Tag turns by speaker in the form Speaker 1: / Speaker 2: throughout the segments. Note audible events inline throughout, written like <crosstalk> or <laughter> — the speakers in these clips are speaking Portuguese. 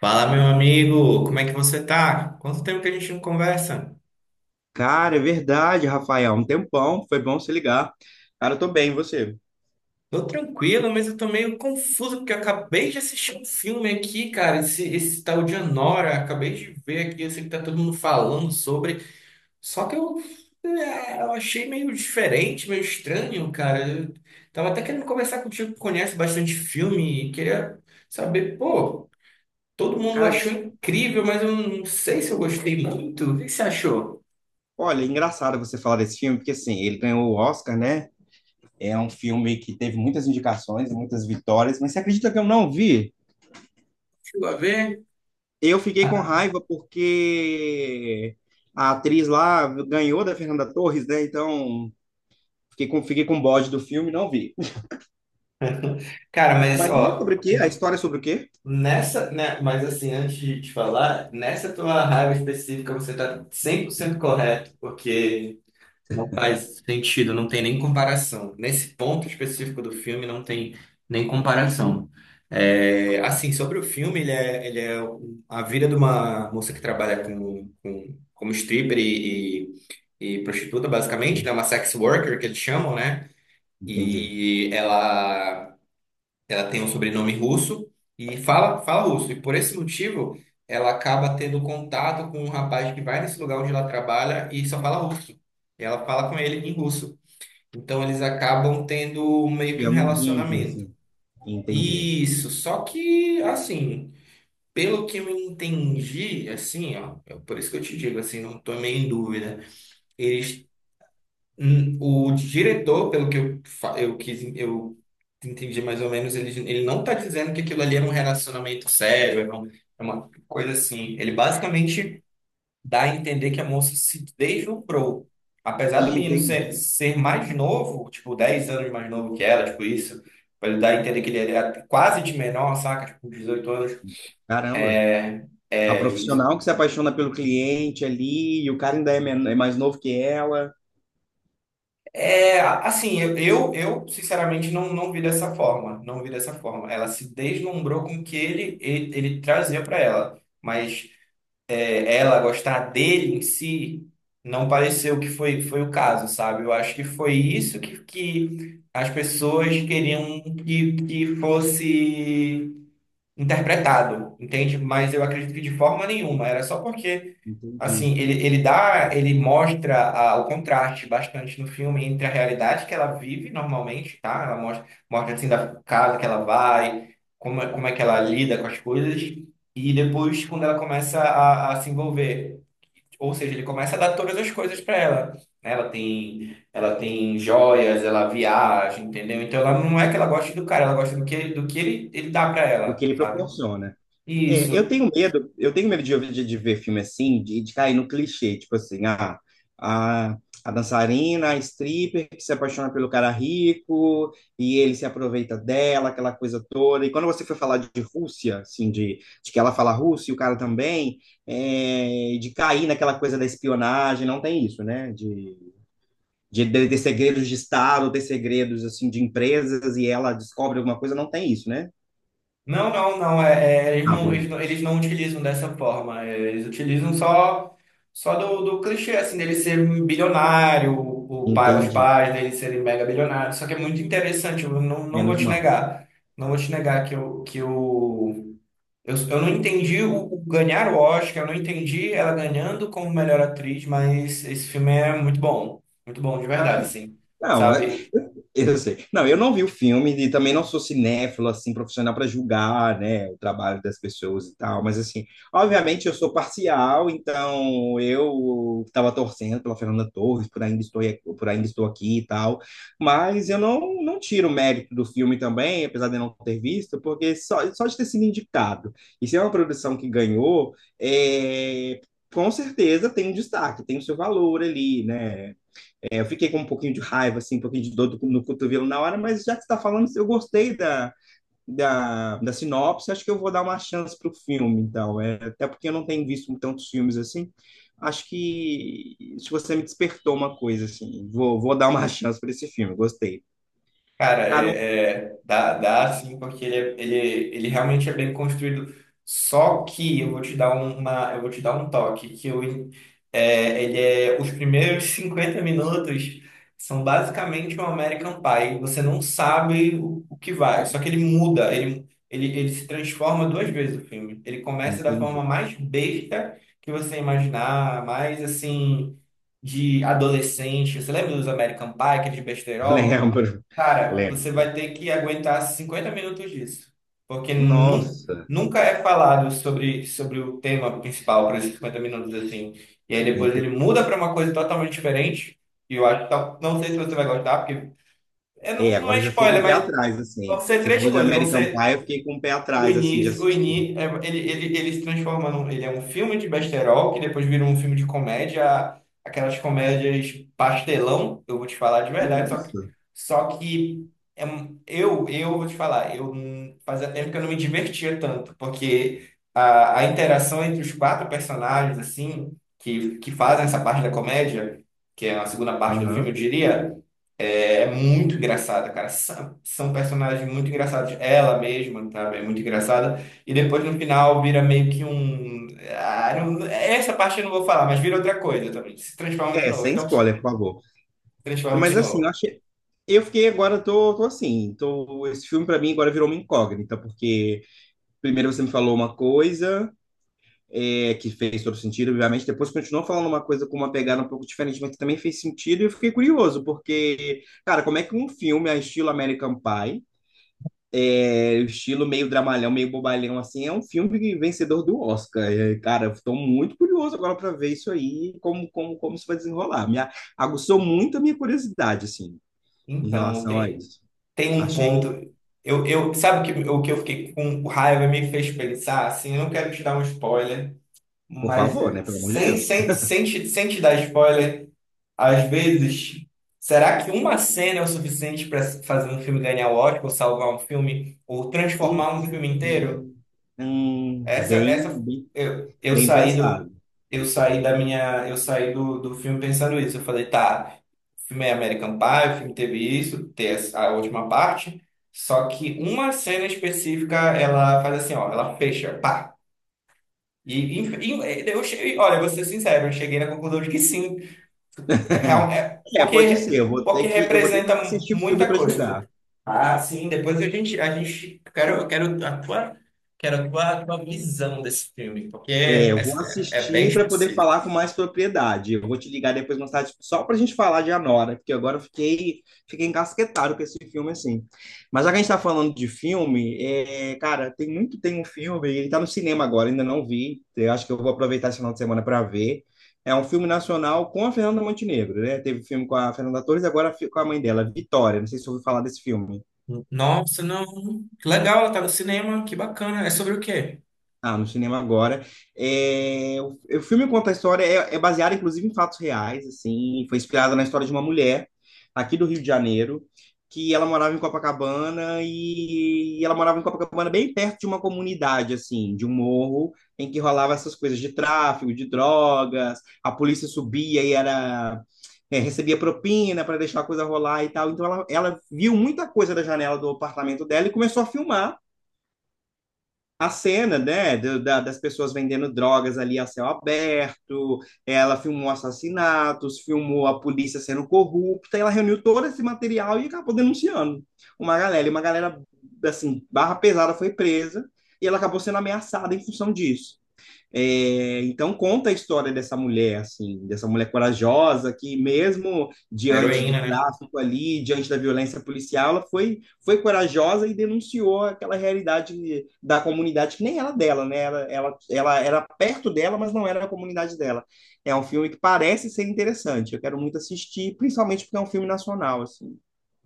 Speaker 1: Fala, meu amigo, como é que você tá? Quanto tempo que a gente não conversa?
Speaker 2: Cara, é verdade, Rafael. Um tempão, foi bom se ligar. Cara, eu tô bem, e você?
Speaker 1: Tô tranquilo, mas eu tô meio confuso porque eu acabei de assistir um filme aqui, cara. Esse tal de Anora, acabei de ver aqui. Eu sei que tá todo mundo falando sobre, só que eu achei meio diferente, meio estranho, cara. Eu tava até querendo conversar contigo que conhece bastante filme e queria saber, pô, todo mundo
Speaker 2: Cara,
Speaker 1: achou
Speaker 2: você-
Speaker 1: incrível, mas eu não sei se eu gostei muito. O que você achou?
Speaker 2: Olha, é engraçado você falar desse filme, porque assim, ele ganhou o Oscar, né? É um filme que teve muitas indicações, muitas vitórias, mas você acredita que eu não vi?
Speaker 1: Chegou a ver?
Speaker 2: Eu fiquei com raiva porque a atriz lá ganhou da Fernanda Torres, né? Então, fiquei com um bode do filme, e não vi.
Speaker 1: Cara, mas
Speaker 2: Mas ele é sobre
Speaker 1: ó,
Speaker 2: o quê? A história é sobre o quê?
Speaker 1: nessa, né, mas assim, antes de te falar, nessa tua raiva específica você tá 100% correto, porque não faz sentido, não tem nem comparação. Nesse ponto específico do filme não tem nem comparação. É, assim, sobre o filme, a vida de uma moça que trabalha como stripper e prostituta, basicamente, né, uma sex worker que eles chamam, né?
Speaker 2: Entendi.
Speaker 1: E ela tem um sobrenome russo e fala russo. E por esse motivo, ela acaba tendo contato com um rapaz que vai nesse lugar onde ela trabalha e só fala russo. E ela fala com ele em russo. Então eles acabam tendo meio que um
Speaker 2: Criando um vínculo,
Speaker 1: relacionamento.
Speaker 2: assim. Entendi.
Speaker 1: Isso, só que assim, pelo que eu entendi, assim, ó, é por isso que eu te digo assim, não tô meio em dúvida. Eles. O diretor, pelo que eu, fa- eu quis, eu entendi mais ou menos, ele não está dizendo que aquilo ali é um relacionamento sério, é uma coisa assim. Ele basicamente dá a entender que a moça se deslumbrou. Apesar do menino ser,
Speaker 2: Entendi.
Speaker 1: ser mais novo, tipo, 10 anos mais novo que ela, tipo isso, pra ele dar a entender que ele era quase de menor, saca? Tipo, 18 anos.
Speaker 2: Caramba.
Speaker 1: É,
Speaker 2: A
Speaker 1: é,
Speaker 2: profissional que se apaixona pelo cliente ali, e o cara ainda é mais novo que ela.
Speaker 1: é, assim, eu, sinceramente não vi dessa forma, não vi dessa forma. Ela se deslumbrou com o que ele trazia para ela, mas ela gostar dele em si não pareceu que foi o caso, sabe? Eu acho que foi isso que as pessoas queriam que fosse interpretado, entende? Mas eu acredito que de forma nenhuma, era só porque.
Speaker 2: Entendi.
Speaker 1: Assim, ele mostra o contraste bastante no filme entre a realidade que ela vive normalmente, tá? Ela mostra assim da casa que ela vai, como é que ela lida com as coisas, e depois quando ela começa a se envolver, ou seja, ele começa a dar todas as coisas para ela, né? Ela tem joias, ela viaja, entendeu? Então ela não é que ela goste do cara, ela gosta do que ele dá para
Speaker 2: O que
Speaker 1: ela,
Speaker 2: ele
Speaker 1: sabe?
Speaker 2: proporciona. É, eu
Speaker 1: Isso.
Speaker 2: tenho medo, eu tenho medo de, de ver filme assim, de cair no clichê, tipo assim, ah, a, a dançarina, a stripper que se apaixona pelo cara rico e ele se aproveita dela, aquela coisa toda. E quando você foi falar de Rússia, assim, de, que ela fala russo e o cara também, é, de cair naquela coisa da espionagem, não tem isso, né? De segredos de Estado, ter segredos assim de empresas e ela descobre alguma coisa, não tem isso, né?
Speaker 1: Não, não, não. É, é, eles
Speaker 2: Ah,
Speaker 1: não, eles
Speaker 2: beleza.
Speaker 1: não, eles não utilizam dessa forma. Eles utilizam só do clichê, assim, dele ser um bilionário, o pai, os
Speaker 2: Entendi.
Speaker 1: pais dele serem mega bilionários. Só que é muito interessante, eu não vou
Speaker 2: Menos
Speaker 1: te
Speaker 2: mal.
Speaker 1: negar. Não vou te negar que eu não entendi o ganhar o Oscar, eu não entendi ela ganhando como melhor atriz, mas esse filme é muito bom. Muito bom, de
Speaker 2: Ah,
Speaker 1: verdade,
Speaker 2: sim.
Speaker 1: sim.
Speaker 2: Não, é-
Speaker 1: Sabe?
Speaker 2: eu sei. Não, eu não vi o filme e também não sou cinéfilo, assim, profissional para julgar, né, o trabalho das pessoas e tal, mas, assim, obviamente eu sou parcial, então eu estava torcendo pela Fernanda Torres, por ainda estou aqui e tal, mas eu não, não tiro o mérito do filme também, apesar de não ter visto, porque só de ter sido indicado, e se é uma produção que ganhou, é, com certeza tem um destaque, tem o seu valor ali, né, eu fiquei com um pouquinho de raiva, assim, um pouquinho de dor no cotovelo na hora, mas já que você está falando, eu gostei da, da sinopse, acho que eu vou dar uma chance para o filme, então. É, até porque eu não tenho visto tantos filmes assim. Acho que se você me despertou uma coisa, assim, vou dar uma <laughs> chance para esse filme, gostei.
Speaker 1: Cara,
Speaker 2: Cara, não
Speaker 1: dá sim, porque ele realmente é bem construído. Só que eu vou te dar um toque, que eu, é, ele é, os primeiros 50 minutos são basicamente um American Pie. Você não sabe o que vai, só que ele muda, ele se transforma duas vezes o filme. Ele começa da
Speaker 2: entendi.
Speaker 1: forma mais besta que você imaginar, mais assim, de adolescente. Você lembra dos American Pie, aqueles besterol?
Speaker 2: Lembro,
Speaker 1: Cara, você
Speaker 2: lembro.
Speaker 1: vai ter que aguentar 50 minutos disso, porque nu-
Speaker 2: Nossa,
Speaker 1: nunca é falado sobre o tema principal para esses 50 minutos assim. E aí depois ele
Speaker 2: entendi.
Speaker 1: muda para uma coisa totalmente diferente. E eu acho que não sei se você vai gostar, porque é,
Speaker 2: É,
Speaker 1: não, não
Speaker 2: agora
Speaker 1: é
Speaker 2: eu já fiquei com
Speaker 1: spoiler,
Speaker 2: o pé
Speaker 1: mas
Speaker 2: atrás,
Speaker 1: vão
Speaker 2: assim.
Speaker 1: ser
Speaker 2: Você
Speaker 1: três
Speaker 2: falou de
Speaker 1: coisas. Vão
Speaker 2: American
Speaker 1: ser
Speaker 2: Pie, eu fiquei com o pé
Speaker 1: o
Speaker 2: atrás, assim, de
Speaker 1: início, o
Speaker 2: assistir.
Speaker 1: início, ele se transforma num. Ele é um filme de besterol que depois vira um filme de comédia, aquelas comédias pastelão, eu vou te falar de verdade, só que,
Speaker 2: Nossa,
Speaker 1: só que eu vou te falar, eu fazia tempo que eu não me divertia tanto, porque a interação entre os quatro personagens, assim, que fazem essa parte da comédia, que é a segunda parte do filme,
Speaker 2: aham.
Speaker 1: eu diria, é muito engraçada, cara. São personagens muito engraçados. Ela mesma, sabe? É muito engraçada. E depois no final vira meio que um. Essa parte eu não vou falar, mas vira outra coisa também. Se transforma de
Speaker 2: É,
Speaker 1: novo.
Speaker 2: sem
Speaker 1: Então, se
Speaker 2: spoiler, por favor.
Speaker 1: transforma de
Speaker 2: Mas assim, eu
Speaker 1: novo.
Speaker 2: achei. Eu fiquei agora, tô, tô assim, tô, Esse filme pra mim agora virou uma incógnita, porque primeiro você me falou uma coisa é, que fez todo sentido, obviamente, depois continuou falando uma coisa com uma pegada um pouco diferente, mas que também fez sentido, e eu fiquei curioso, porque, cara, como é que um filme a estilo American Pie é, o estilo meio dramalhão, meio bobalhão, assim, é um filme vencedor do Oscar. É, cara, estou muito curioso agora para ver isso aí, como, como isso vai desenrolar. Aguçou muito a minha curiosidade, assim, em
Speaker 1: Então,
Speaker 2: relação a
Speaker 1: tem,
Speaker 2: isso.
Speaker 1: tem um ponto.
Speaker 2: Achei,
Speaker 1: Sabe o que eu fiquei com raiva me fez pensar? Assim, eu não quero te dar um spoiler,
Speaker 2: por
Speaker 1: mas
Speaker 2: favor, né? Pelo amor de
Speaker 1: sem,
Speaker 2: Deus.
Speaker 1: sem, sem, te, sem te dar spoiler. Às vezes, será que uma cena é o suficiente para fazer um filme ganhar o Oscar, ou salvar um filme, ou transformar um filme inteiro?
Speaker 2: Entendi. Hum,
Speaker 1: Essa,
Speaker 2: bem,
Speaker 1: essa,
Speaker 2: bem,
Speaker 1: eu, eu
Speaker 2: bem
Speaker 1: saí do,
Speaker 2: pensado.
Speaker 1: eu saí do filme pensando isso. Eu falei, tá, o filme é American Pie, o filme teve isso, tem a última parte, só que uma cena específica, ela faz assim, ó, ela fecha, pá. E eu, cheguei olha, vou ser sincero, eu cheguei na conclusão de que sim. É real,
Speaker 2: <laughs>
Speaker 1: é-
Speaker 2: É, pode ser.
Speaker 1: porque, porque
Speaker 2: Eu vou ter que
Speaker 1: representa mu-
Speaker 2: assistir o filme
Speaker 1: muita
Speaker 2: para julgar.
Speaker 1: coisa. Ah, sim, depois eu quero a tua visão desse filme, porque
Speaker 2: É,
Speaker 1: é,
Speaker 2: eu
Speaker 1: é,
Speaker 2: vou
Speaker 1: é bem
Speaker 2: assistir para poder
Speaker 1: específico.
Speaker 2: falar com mais propriedade. Eu vou te ligar depois mais tarde só para a gente falar de Anora, porque fiquei encasquetado com esse filme assim. Mas já que a gente está falando de filme, é, cara, tem um filme, ele está no cinema agora, ainda não vi. Eu acho que eu vou aproveitar esse final de semana para ver. É um filme nacional com a Fernanda Montenegro, né? Teve filme com a Fernanda Torres, agora fi- com a mãe dela, Vitória. Não sei se você ouviu falar desse filme.
Speaker 1: Nossa, não. Que legal, ela tá no cinema, que bacana. É sobre o quê?
Speaker 2: Ah, no cinema agora. É, o filme conta a história, é, é baseado inclusive em fatos reais, assim, e foi inspirado na história de uma mulher aqui do Rio de Janeiro, que ela morava em Copacabana e ela morava em Copacabana bem perto de uma comunidade, assim, de um morro em que rolava essas coisas de tráfico, de drogas, a polícia subia e era é, recebia propina para deixar a coisa rolar e tal. Então ela viu muita coisa da janela do apartamento dela e começou a filmar a cena, né, das pessoas vendendo drogas ali a céu aberto, ela filmou assassinatos, filmou a polícia sendo corrupta, ela reuniu todo esse material e acabou denunciando uma galera, e uma galera, assim, barra pesada foi presa, e ela acabou sendo ameaçada em função disso. É, então conta a história dessa mulher, assim, dessa mulher corajosa que mesmo
Speaker 1: Uma
Speaker 2: diante do
Speaker 1: heroína, né?
Speaker 2: tráfico ali, diante da violência policial, ela foi, foi corajosa e denunciou aquela realidade da comunidade que nem era dela, né? Ela era perto dela, mas não era a comunidade dela. É um filme que parece ser interessante. Eu quero muito assistir, principalmente porque é um filme nacional, assim.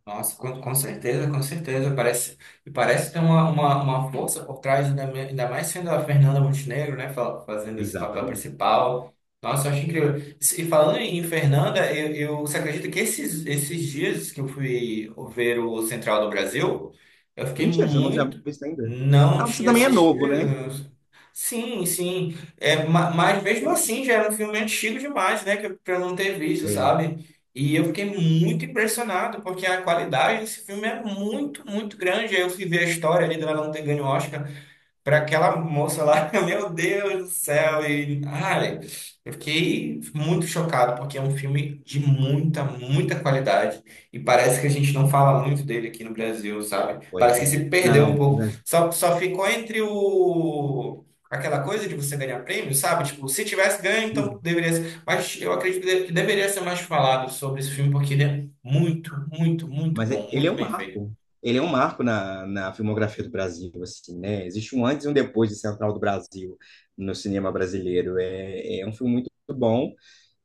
Speaker 1: Nossa, com certeza, com certeza. Parece ter uma força por trás, ainda mais sendo a Fernanda Montenegro, né, fazendo esse papel
Speaker 2: Exatamente.
Speaker 1: principal. Nossa, eu acho incrível. E falando em Fernanda, você acredita que esses dias que eu fui ver o Central do Brasil, eu fiquei
Speaker 2: Mentira, você não tinha
Speaker 1: muito.
Speaker 2: visto ainda.
Speaker 1: Não
Speaker 2: Ah, você
Speaker 1: tinha
Speaker 2: também é novo, né?
Speaker 1: assistido. Sim, sim. É, mas mesmo assim já era um filme antigo demais, né, pra eu não ter visto,
Speaker 2: É,
Speaker 1: sabe? E eu fiquei muito impressionado, porque a qualidade desse filme é muito, muito grande. Aí eu fui ver a história ali dela não ter ganho o Oscar para aquela moça lá, <laughs> meu Deus do céu, e ai, eu fiquei muito chocado porque é um filme de muita, muita qualidade e parece que a gente não fala muito dele aqui no Brasil, sabe?
Speaker 2: pois
Speaker 1: Parece que
Speaker 2: é.
Speaker 1: se perdeu um
Speaker 2: Não,
Speaker 1: pouco.
Speaker 2: mas...
Speaker 1: Só ficou entre o aquela coisa de você ganhar prêmio, sabe? Tipo, se tivesse ganho, então deveria ser. Mas eu acredito que deveria ser mais falado sobre esse filme porque ele é muito, muito, muito
Speaker 2: Mas e-
Speaker 1: bom,
Speaker 2: ele é
Speaker 1: muito
Speaker 2: um
Speaker 1: bem feito.
Speaker 2: marco. Ele é um marco na, na filmografia do Brasil, assim, né? Existe um antes e um depois de Central do Brasil no cinema brasileiro. É, é um filme muito bom.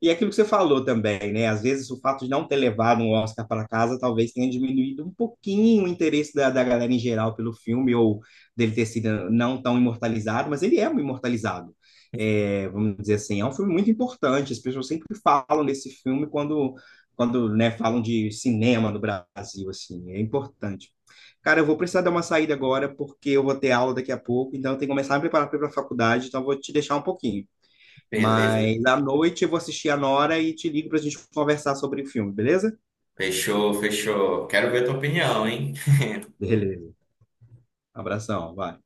Speaker 2: E aquilo que você falou também, né? Às vezes o fato de não ter levado um Oscar para casa talvez tenha diminuído um pouquinho o interesse da, da galera em geral pelo filme, ou dele ter sido não tão imortalizado, mas ele é um imortalizado. É, vamos dizer assim, é um filme muito importante. As pessoas sempre falam desse filme quando né, falam de cinema no Brasil, assim, é importante. Cara, eu vou precisar dar uma saída agora, porque eu vou ter aula daqui a pouco, então eu tenho que começar a me preparar para a faculdade, então eu vou te deixar um pouquinho.
Speaker 1: Beleza.
Speaker 2: Mas à noite eu vou assistir a Nora e te ligo para a gente conversar sobre o filme, beleza?
Speaker 1: Fechou, fechou. Quero ver a tua opinião, hein?
Speaker 2: Beleza. Abração, vai.